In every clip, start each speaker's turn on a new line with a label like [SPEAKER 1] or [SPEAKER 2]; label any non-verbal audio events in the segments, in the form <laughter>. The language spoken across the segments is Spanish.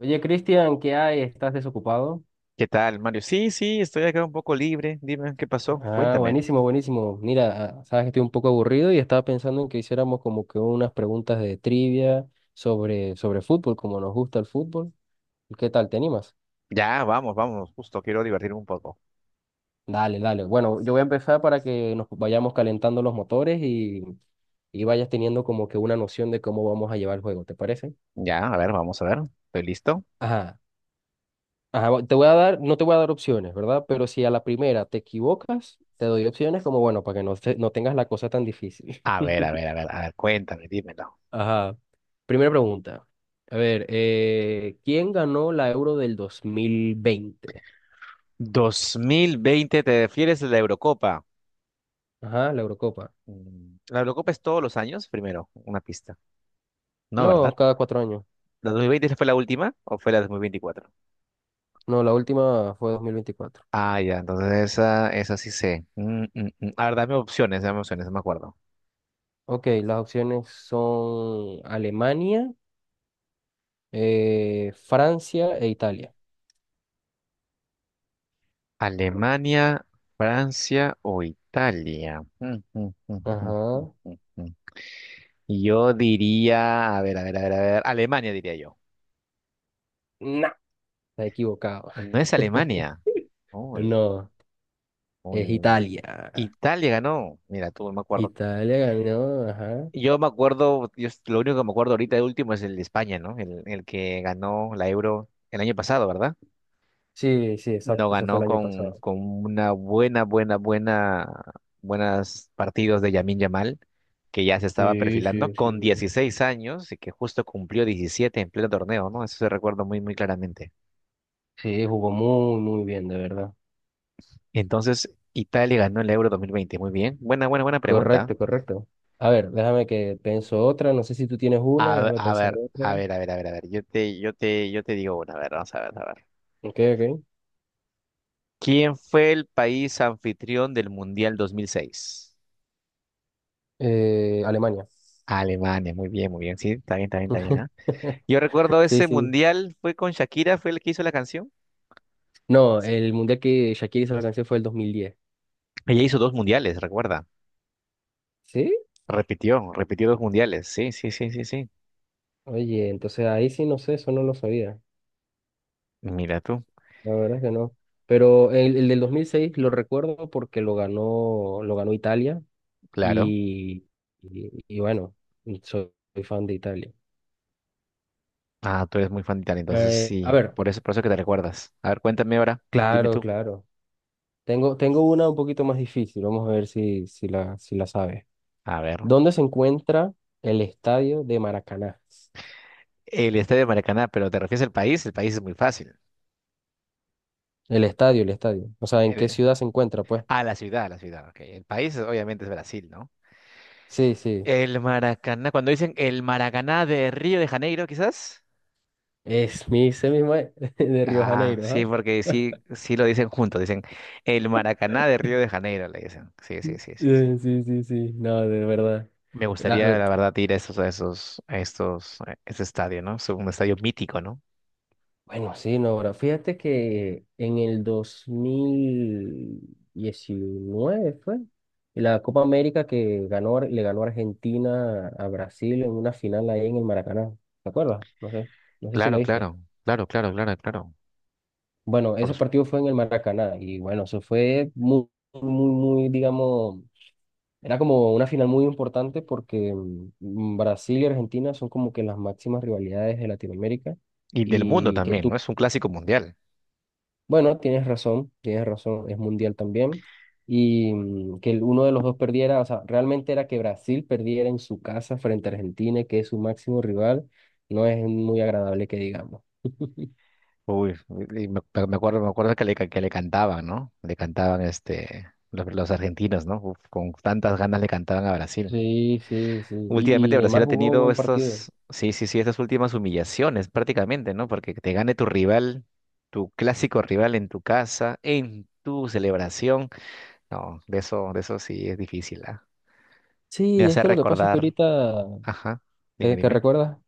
[SPEAKER 1] Oye, Cristian, ¿qué hay? ¿Estás desocupado?
[SPEAKER 2] ¿Qué tal, Mario? Sí, sí, estoy acá un poco libre. Dime, ¿qué pasó?
[SPEAKER 1] Ah,
[SPEAKER 2] Cuéntame.
[SPEAKER 1] buenísimo, buenísimo. Mira, sabes que estoy un poco aburrido y estaba pensando en que hiciéramos como que unas preguntas de trivia sobre fútbol, como nos gusta el fútbol. ¿Qué tal? ¿Te animas?
[SPEAKER 2] Ya, vamos, vamos, justo quiero divertirme un poco.
[SPEAKER 1] Dale, dale. Bueno, yo voy a empezar para que nos vayamos calentando los motores y vayas teniendo como que una noción de cómo vamos a llevar el juego, ¿te parece?
[SPEAKER 2] Ya, a ver, vamos a ver. ¿Estoy listo?
[SPEAKER 1] Ajá, ajá, bueno, te voy a dar, no te voy a dar opciones, ¿verdad? Pero si a la primera te equivocas, te doy opciones como, bueno, para que no, no tengas la cosa tan difícil.
[SPEAKER 2] A ver, a ver, a ver, a ver, cuéntame, dímelo.
[SPEAKER 1] Ajá. Primera pregunta. A ver, ¿quién ganó la Euro del 2020?
[SPEAKER 2] 2020, ¿te refieres a la Eurocopa?
[SPEAKER 1] Ajá, la Eurocopa.
[SPEAKER 2] Mm, ¿la Eurocopa es todos los años? Primero, una pista. No, ¿verdad?
[SPEAKER 1] No, cada 4 años.
[SPEAKER 2] ¿La 2020 fue la última o fue la 2024?
[SPEAKER 1] No, la última fue 2024.
[SPEAKER 2] Ah, ya, entonces esa sí sé. Mm. A ver, dame opciones, no me acuerdo.
[SPEAKER 1] Ok, las opciones son Alemania, Francia e Italia.
[SPEAKER 2] Alemania, Francia o Italia. <laughs> Mm,
[SPEAKER 1] Ajá.
[SPEAKER 2] mm, mm. Yo diría, a ver, a ver, a ver, a ver, Alemania diría yo.
[SPEAKER 1] No, está equivocado.
[SPEAKER 2] No es
[SPEAKER 1] <laughs>
[SPEAKER 2] Alemania. Uy,
[SPEAKER 1] No,
[SPEAKER 2] uy,
[SPEAKER 1] es
[SPEAKER 2] uy, uy.
[SPEAKER 1] Italia.
[SPEAKER 2] Italia ganó. Mira, tú no me acuerdo.
[SPEAKER 1] Italia ganó, ajá.
[SPEAKER 2] Yo me acuerdo, yo, lo único que me acuerdo ahorita de último es el de España, ¿no? El que ganó la Euro el año pasado, ¿verdad?
[SPEAKER 1] Sí, sí,
[SPEAKER 2] No
[SPEAKER 1] exacto, eso fue
[SPEAKER 2] ganó
[SPEAKER 1] el año pasado.
[SPEAKER 2] con una buena, buena, buena, buenas partidos de Yamin Yamal, que ya se estaba
[SPEAKER 1] Sí,
[SPEAKER 2] perfilando
[SPEAKER 1] sí, sí.
[SPEAKER 2] con 16 años y que justo cumplió 17 en pleno torneo, ¿no? Eso se recuerdo muy, muy claramente.
[SPEAKER 1] Sí, jugó muy, muy bien, de verdad.
[SPEAKER 2] Entonces, Italia ganó el Euro 2020. Muy bien. Buena, buena, buena pregunta.
[SPEAKER 1] Correcto, correcto. A ver, déjame que pienso otra. No sé si tú tienes una, déjame
[SPEAKER 2] A
[SPEAKER 1] pensar
[SPEAKER 2] ver,
[SPEAKER 1] otra.
[SPEAKER 2] a ver, a ver, a ver, a ver. Yo te digo una, a ver, vamos a ver, a ver.
[SPEAKER 1] Ok, ok.
[SPEAKER 2] ¿Quién fue el país anfitrión del Mundial 2006?
[SPEAKER 1] Alemania.
[SPEAKER 2] Alemania, muy bien, muy bien. Sí, está bien, está bien, está bien, ¿ah?
[SPEAKER 1] <laughs>
[SPEAKER 2] Yo recuerdo
[SPEAKER 1] Sí,
[SPEAKER 2] ese
[SPEAKER 1] sí.
[SPEAKER 2] mundial, fue con Shakira, fue el que hizo la canción.
[SPEAKER 1] No, el mundial que Shakira hizo la canción fue el 2010.
[SPEAKER 2] Ella hizo dos mundiales, recuerda.
[SPEAKER 1] ¿Sí?
[SPEAKER 2] Repitió, repitió dos mundiales. Sí, sí, sí, sí, sí.
[SPEAKER 1] Oye, entonces ahí sí no sé, eso no lo sabía.
[SPEAKER 2] Mira tú,
[SPEAKER 1] La verdad es que no. Pero el del 2006 lo recuerdo porque lo ganó Italia
[SPEAKER 2] claro.
[SPEAKER 1] y, y bueno, soy, soy fan de Italia.
[SPEAKER 2] Ah, tú eres muy fan de Italia, entonces
[SPEAKER 1] A
[SPEAKER 2] sí.
[SPEAKER 1] ver,
[SPEAKER 2] Por eso que te recuerdas. A ver, cuéntame ahora, dime
[SPEAKER 1] claro,
[SPEAKER 2] tú.
[SPEAKER 1] claro. Tengo, tengo una un poquito más difícil, vamos a ver si la sabes.
[SPEAKER 2] A ver.
[SPEAKER 1] ¿Dónde se encuentra el estadio de Maracaná?
[SPEAKER 2] El Estadio de Maracaná, pero ¿te refieres al país? El país es muy fácil.
[SPEAKER 1] El estadio, el estadio. O sea, ¿en qué
[SPEAKER 2] Eh,
[SPEAKER 1] ciudad se encuentra, pues?
[SPEAKER 2] ah, la ciudad, ok. El país obviamente es Brasil, ¿no?
[SPEAKER 1] Sí, sí.
[SPEAKER 2] El Maracaná, cuando dicen el Maracaná de Río de Janeiro, quizás.
[SPEAKER 1] Ese mismo es, <laughs> de Río
[SPEAKER 2] Ah,
[SPEAKER 1] Janeiro,
[SPEAKER 2] sí,
[SPEAKER 1] ¿ah?
[SPEAKER 2] porque sí, sí lo dicen juntos, dicen el Maracaná de Río de Janeiro, le dicen. Sí, sí, sí, sí, sí.
[SPEAKER 1] Sí, sí, sí. No, de verdad.
[SPEAKER 2] Me
[SPEAKER 1] Ah,
[SPEAKER 2] gustaría, la verdad, ir a estos, a esos, a estos, a ese estadio, ¿no? Es un estadio mítico, ¿no?
[SPEAKER 1] bueno, sí, no, ahora fíjate que en el 2019 fue la Copa América le ganó Argentina a Brasil en una final ahí en el Maracaná. ¿Te acuerdas? No sé, no sé si
[SPEAKER 2] Claro,
[SPEAKER 1] la viste.
[SPEAKER 2] claro, claro, claro, claro, claro.
[SPEAKER 1] Bueno,
[SPEAKER 2] Por
[SPEAKER 1] ese
[SPEAKER 2] su-
[SPEAKER 1] partido fue en el Maracaná y bueno, eso fue muy, muy, muy, digamos, era como una final muy importante porque Brasil y Argentina son como que las máximas rivalidades de Latinoamérica.
[SPEAKER 2] Y del mundo
[SPEAKER 1] Y que
[SPEAKER 2] también,
[SPEAKER 1] tú
[SPEAKER 2] ¿no? Es un clásico mundial.
[SPEAKER 1] Bueno, tienes razón, es mundial también. Y que uno de los dos perdiera, o sea, realmente era que Brasil perdiera en su casa frente a Argentina, que es su máximo rival, no es muy agradable que digamos.
[SPEAKER 2] Uy, y me, me acuerdo que que le cantaban, ¿no? Le cantaban este, los argentinos, ¿no? Uf, con tantas ganas le cantaban a Brasil.
[SPEAKER 1] Sí, sí, sí. Y,
[SPEAKER 2] Últimamente
[SPEAKER 1] y
[SPEAKER 2] Brasil
[SPEAKER 1] Neymar
[SPEAKER 2] ha
[SPEAKER 1] jugó un
[SPEAKER 2] tenido
[SPEAKER 1] buen partido.
[SPEAKER 2] estas, sí, sí, sí, estas últimas humillaciones prácticamente, ¿no? Porque te gane tu rival, tu clásico rival en tu casa, en tu celebración. No, de eso sí es difícil, ¿ah? Me
[SPEAKER 1] Sí, es
[SPEAKER 2] hace
[SPEAKER 1] que lo que pasa es que
[SPEAKER 2] recordar,
[SPEAKER 1] ahorita,
[SPEAKER 2] ajá, dime,
[SPEAKER 1] ¿qué
[SPEAKER 2] dime,
[SPEAKER 1] recuerdas?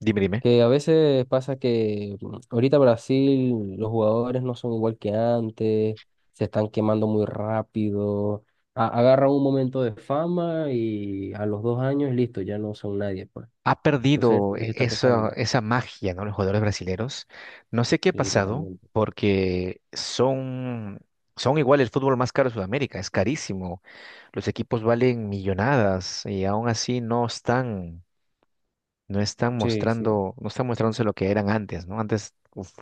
[SPEAKER 2] dime, dime.
[SPEAKER 1] Que a veces pasa que ahorita Brasil, los jugadores no son igual que antes, se están quemando muy rápido, agarran un momento de fama y a los 2 años, listo, ya no son nadie, pues.
[SPEAKER 2] Ha
[SPEAKER 1] Entonces, eso
[SPEAKER 2] perdido
[SPEAKER 1] les está
[SPEAKER 2] esa,
[SPEAKER 1] pesando.
[SPEAKER 2] esa magia, ¿no? Los jugadores brasileños. No sé qué ha
[SPEAKER 1] Sí,
[SPEAKER 2] pasado,
[SPEAKER 1] totalmente.
[SPEAKER 2] porque son, son igual el fútbol más caro de Sudamérica, es carísimo. Los equipos valen millonadas y aún así no están, no están
[SPEAKER 1] Sí, sí,
[SPEAKER 2] mostrando, no están mostrándose lo que eran antes, ¿no? Antes, uf,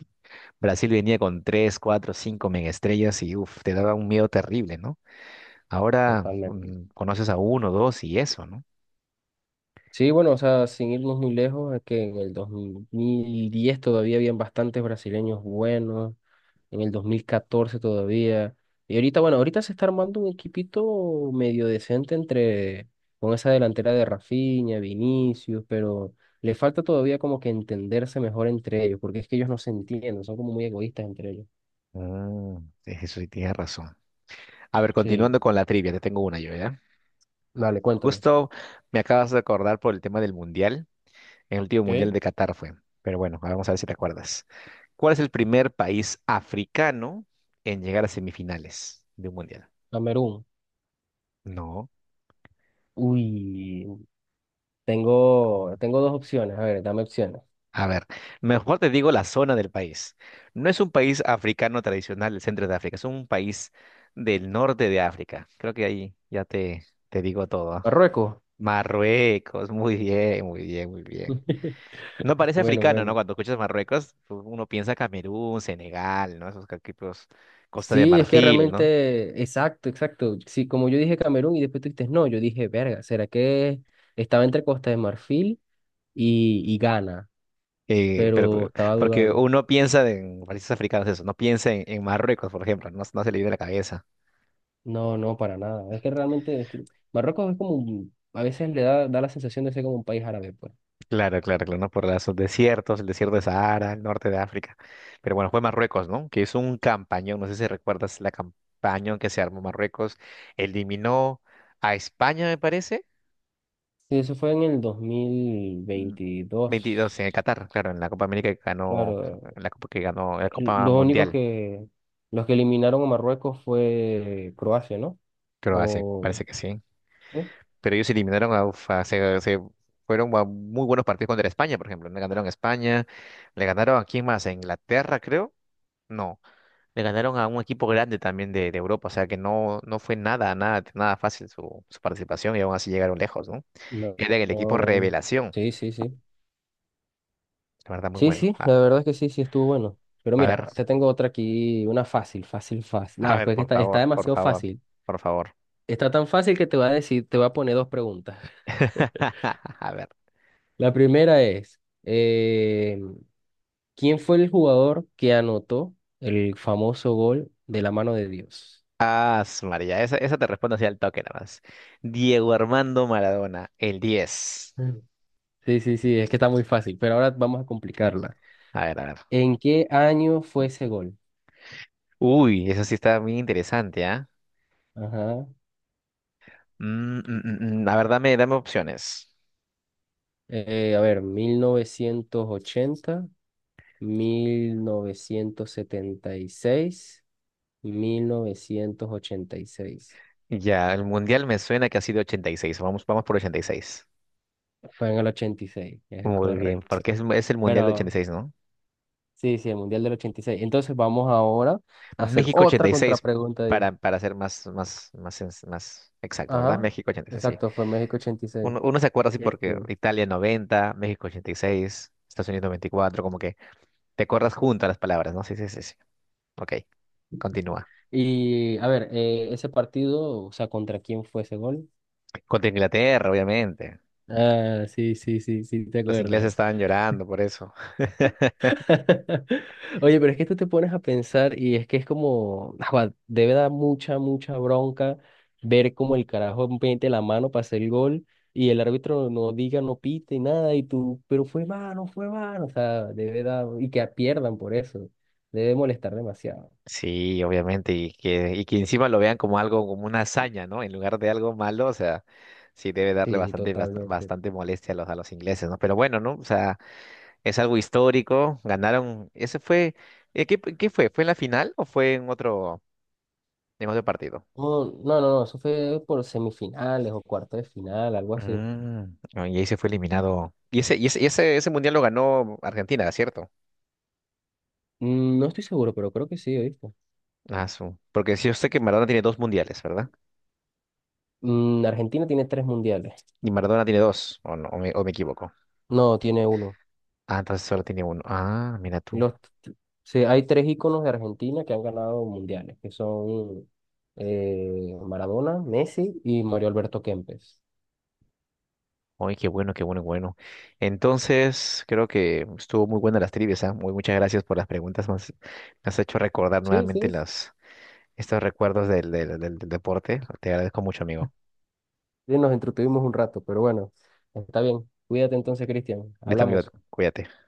[SPEAKER 2] Brasil venía con tres, cuatro, cinco mega estrellas y uf, te daba un miedo terrible, ¿no? Ahora
[SPEAKER 1] totalmente.
[SPEAKER 2] conoces a uno, dos y eso, ¿no?
[SPEAKER 1] Sí, bueno, o sea, sin irnos muy lejos, es que en el 2010 todavía habían bastantes brasileños buenos. En el 2014 todavía. Y ahorita, bueno, ahorita se está armando un equipito medio decente entre, con esa delantera de Rafinha, Vinicius, pero le falta todavía como que entenderse mejor entre ellos, porque es que ellos no se entienden, son como muy egoístas entre ellos.
[SPEAKER 2] Mm, eso sí tienes razón. A ver,
[SPEAKER 1] Sí.
[SPEAKER 2] continuando con la trivia, te tengo una yo, ¿ya?
[SPEAKER 1] Dale, cuéntame.
[SPEAKER 2] Justo me acabas de acordar por el tema del mundial. En el último mundial
[SPEAKER 1] ¿Ok?
[SPEAKER 2] de Qatar fue. Pero bueno, vamos a ver si te acuerdas. ¿Cuál es el primer país africano en llegar a semifinales de un mundial?
[SPEAKER 1] Camerún.
[SPEAKER 2] No.
[SPEAKER 1] Uy,
[SPEAKER 2] Mm.
[SPEAKER 1] tengo, tengo dos opciones. A ver, dame opciones.
[SPEAKER 2] A ver, mejor te digo la zona del país. No es un país africano tradicional del centro de África, es un país del norte de África. Creo que ahí ya te digo todo. ¿Ah?
[SPEAKER 1] Marruecos.
[SPEAKER 2] Marruecos, muy bien, muy bien, muy bien. No
[SPEAKER 1] <laughs>
[SPEAKER 2] parece
[SPEAKER 1] Bueno,
[SPEAKER 2] africano, ¿no?
[SPEAKER 1] bueno.
[SPEAKER 2] Cuando escuchas Marruecos, pues, uno piensa Camerún, Senegal, ¿no? Esos equipos, Costa de
[SPEAKER 1] Sí, es que
[SPEAKER 2] Marfil, ¿no?
[SPEAKER 1] realmente, exacto, exacto. Sí, como yo dije Camerún y después tú dijiste no, yo dije, verga, ¿será que estaba entre Costa de Marfil y Ghana?
[SPEAKER 2] Eh, pero,
[SPEAKER 1] Pero estaba
[SPEAKER 2] porque
[SPEAKER 1] dudando.
[SPEAKER 2] uno piensa en países africanos, eso, no piensa en Marruecos, por ejemplo, no, no se le viene a la cabeza.
[SPEAKER 1] No, no, para nada. Es que realmente, es que Marruecos es como, a veces da la sensación de ser como un país árabe, pues.
[SPEAKER 2] Claro, claro, claro, no por los desiertos, el desierto de Sahara, el norte de África. Pero bueno, fue Marruecos, ¿no? Que hizo un campañón, no sé si recuerdas la campaña que se armó Marruecos, eliminó a España, me parece,
[SPEAKER 1] Sí, eso fue en el dos mil
[SPEAKER 2] mm, 22 en el
[SPEAKER 1] veintidós
[SPEAKER 2] Qatar, claro, en la Copa América que ganó,
[SPEAKER 1] Claro,
[SPEAKER 2] en la Copa que ganó, en la
[SPEAKER 1] el-
[SPEAKER 2] Copa
[SPEAKER 1] los únicos
[SPEAKER 2] Mundial,
[SPEAKER 1] que, los que eliminaron a Marruecos fue Croacia, ¿no?
[SPEAKER 2] Croacia,
[SPEAKER 1] O...
[SPEAKER 2] parece que sí.
[SPEAKER 1] ¿Sí?
[SPEAKER 2] Pero ellos eliminaron a, uf, se fueron a muy buenos partidos contra España, por ejemplo. Le ganaron a España, le ganaron a quién más, a Inglaterra, creo. No, le ganaron a un equipo grande también de Europa, o sea que no, no fue nada, nada, nada fácil su, su participación y aún así llegaron lejos, ¿no?
[SPEAKER 1] No,
[SPEAKER 2] Era el equipo
[SPEAKER 1] no, no.
[SPEAKER 2] Revelación,
[SPEAKER 1] Sí, sí, sí.
[SPEAKER 2] la verdad, muy
[SPEAKER 1] Sí,
[SPEAKER 2] bueno.
[SPEAKER 1] sí,
[SPEAKER 2] Ah,
[SPEAKER 1] la verdad es que sí, sí estuvo bueno. Pero
[SPEAKER 2] a
[SPEAKER 1] mira,
[SPEAKER 2] ver,
[SPEAKER 1] te tengo otra aquí, una fácil, fácil, fácil.
[SPEAKER 2] a
[SPEAKER 1] Nada,
[SPEAKER 2] ver,
[SPEAKER 1] pues que
[SPEAKER 2] por
[SPEAKER 1] está, está
[SPEAKER 2] favor, por
[SPEAKER 1] demasiado
[SPEAKER 2] favor,
[SPEAKER 1] fácil.
[SPEAKER 2] por favor.
[SPEAKER 1] Está tan fácil que te voy a poner dos preguntas. <laughs>
[SPEAKER 2] <laughs> A ver,
[SPEAKER 1] La primera es, ¿quién fue el jugador que anotó el famoso gol de la mano de Dios?
[SPEAKER 2] ah, su María, esa te respondo así al toque nada más. Diego Armando Maradona, el 10.
[SPEAKER 1] Mm. Sí, sí, sí, es que está muy fácil, pero ahora vamos a complicarla.
[SPEAKER 2] A ver, a ver.
[SPEAKER 1] ¿En qué año fue ese gol?
[SPEAKER 2] Uy, eso sí está muy interesante, ¿ah?
[SPEAKER 1] Ajá.
[SPEAKER 2] Mm. A ver, dame, dame opciones.
[SPEAKER 1] A ver, 1980, mil mil novecientos setenta y seis, 1986.
[SPEAKER 2] Ya, el mundial me suena que ha sido 86. Vamos, vamos por 86.
[SPEAKER 1] Fue en el 86, es
[SPEAKER 2] Muy bien,
[SPEAKER 1] correcto.
[SPEAKER 2] porque es el mundial de ochenta y
[SPEAKER 1] Pero
[SPEAKER 2] seis, ¿no?
[SPEAKER 1] sí, sí, el Mundial del 86. Entonces vamos ahora a hacer
[SPEAKER 2] México ochenta
[SPEAKER 1] otra
[SPEAKER 2] y seis
[SPEAKER 1] contrapregunta.
[SPEAKER 2] para ser más, más, más, más exacto, ¿verdad?
[SPEAKER 1] Ajá,
[SPEAKER 2] México 86. Sí.
[SPEAKER 1] exacto, fue México 86.
[SPEAKER 2] Uno, uno se acuerda así porque
[SPEAKER 1] Este.
[SPEAKER 2] Italia 90, México 86, Estados Unidos 94, como que te acuerdas junto a las palabras, ¿no? Sí, sí, sí, sí. Ok, continúa.
[SPEAKER 1] Y a ver, ese partido, o sea, ¿contra quién fue ese gol?
[SPEAKER 2] Contra Inglaterra, obviamente.
[SPEAKER 1] Ah, sí, sí, sí, sí, te
[SPEAKER 2] Los ingleses
[SPEAKER 1] acuerdas.
[SPEAKER 2] estaban llorando por eso.
[SPEAKER 1] <laughs> Oye, pero es que tú te pones a pensar y es que es como, <laughs> ajua, debe dar mucha, mucha bronca ver como el carajo mete la mano para hacer el gol y el árbitro no diga, no pite, nada, y tú, pero fue mano, o sea, debe dar, y que pierdan por eso, debe molestar demasiado.
[SPEAKER 2] Sí, obviamente, y que encima lo vean como algo, como una hazaña, ¿no? En lugar de algo malo, o sea, sí debe darle
[SPEAKER 1] Sí,
[SPEAKER 2] bastante,
[SPEAKER 1] totalmente.
[SPEAKER 2] bastante molestia a los ingleses, ¿no? Pero bueno, ¿no? O sea, es algo histórico, ganaron, ese fue, ¿qué, qué fue? ¿Fue en la final o fue en otro partido?
[SPEAKER 1] No, no, no, no, eso fue por semifinales o cuartos de final, algo así.
[SPEAKER 2] Ah, y ahí se fue eliminado. Ese mundial lo ganó Argentina, ¿cierto?
[SPEAKER 1] No estoy seguro, pero creo que sí, ¿oíste?
[SPEAKER 2] Ah, su. Porque sí, yo sé que Maradona tiene dos mundiales, ¿verdad?
[SPEAKER 1] Argentina tiene tres mundiales.
[SPEAKER 2] Y Maradona tiene dos, o, no, o me equivoco.
[SPEAKER 1] No, tiene uno.
[SPEAKER 2] Ah, entonces solo tiene uno. Ah, mira tú.
[SPEAKER 1] Los, sí, hay tres íconos de Argentina que han ganado mundiales, que son Maradona, Messi y Mario Alberto Kempes.
[SPEAKER 2] Ay, qué bueno, qué bueno, qué bueno. Entonces, creo que estuvo muy buena las trivias, ¿ah? Muy muchas gracias por las preguntas. Me has hecho recordar
[SPEAKER 1] Sí, sí,
[SPEAKER 2] nuevamente
[SPEAKER 1] sí,
[SPEAKER 2] las, estos recuerdos del, del deporte. Te agradezco mucho, amigo.
[SPEAKER 1] nos entretuvimos un rato, pero bueno, está bien. Cuídate entonces, Cristian.
[SPEAKER 2] Listo, amigo,
[SPEAKER 1] Hablamos.
[SPEAKER 2] cuídate.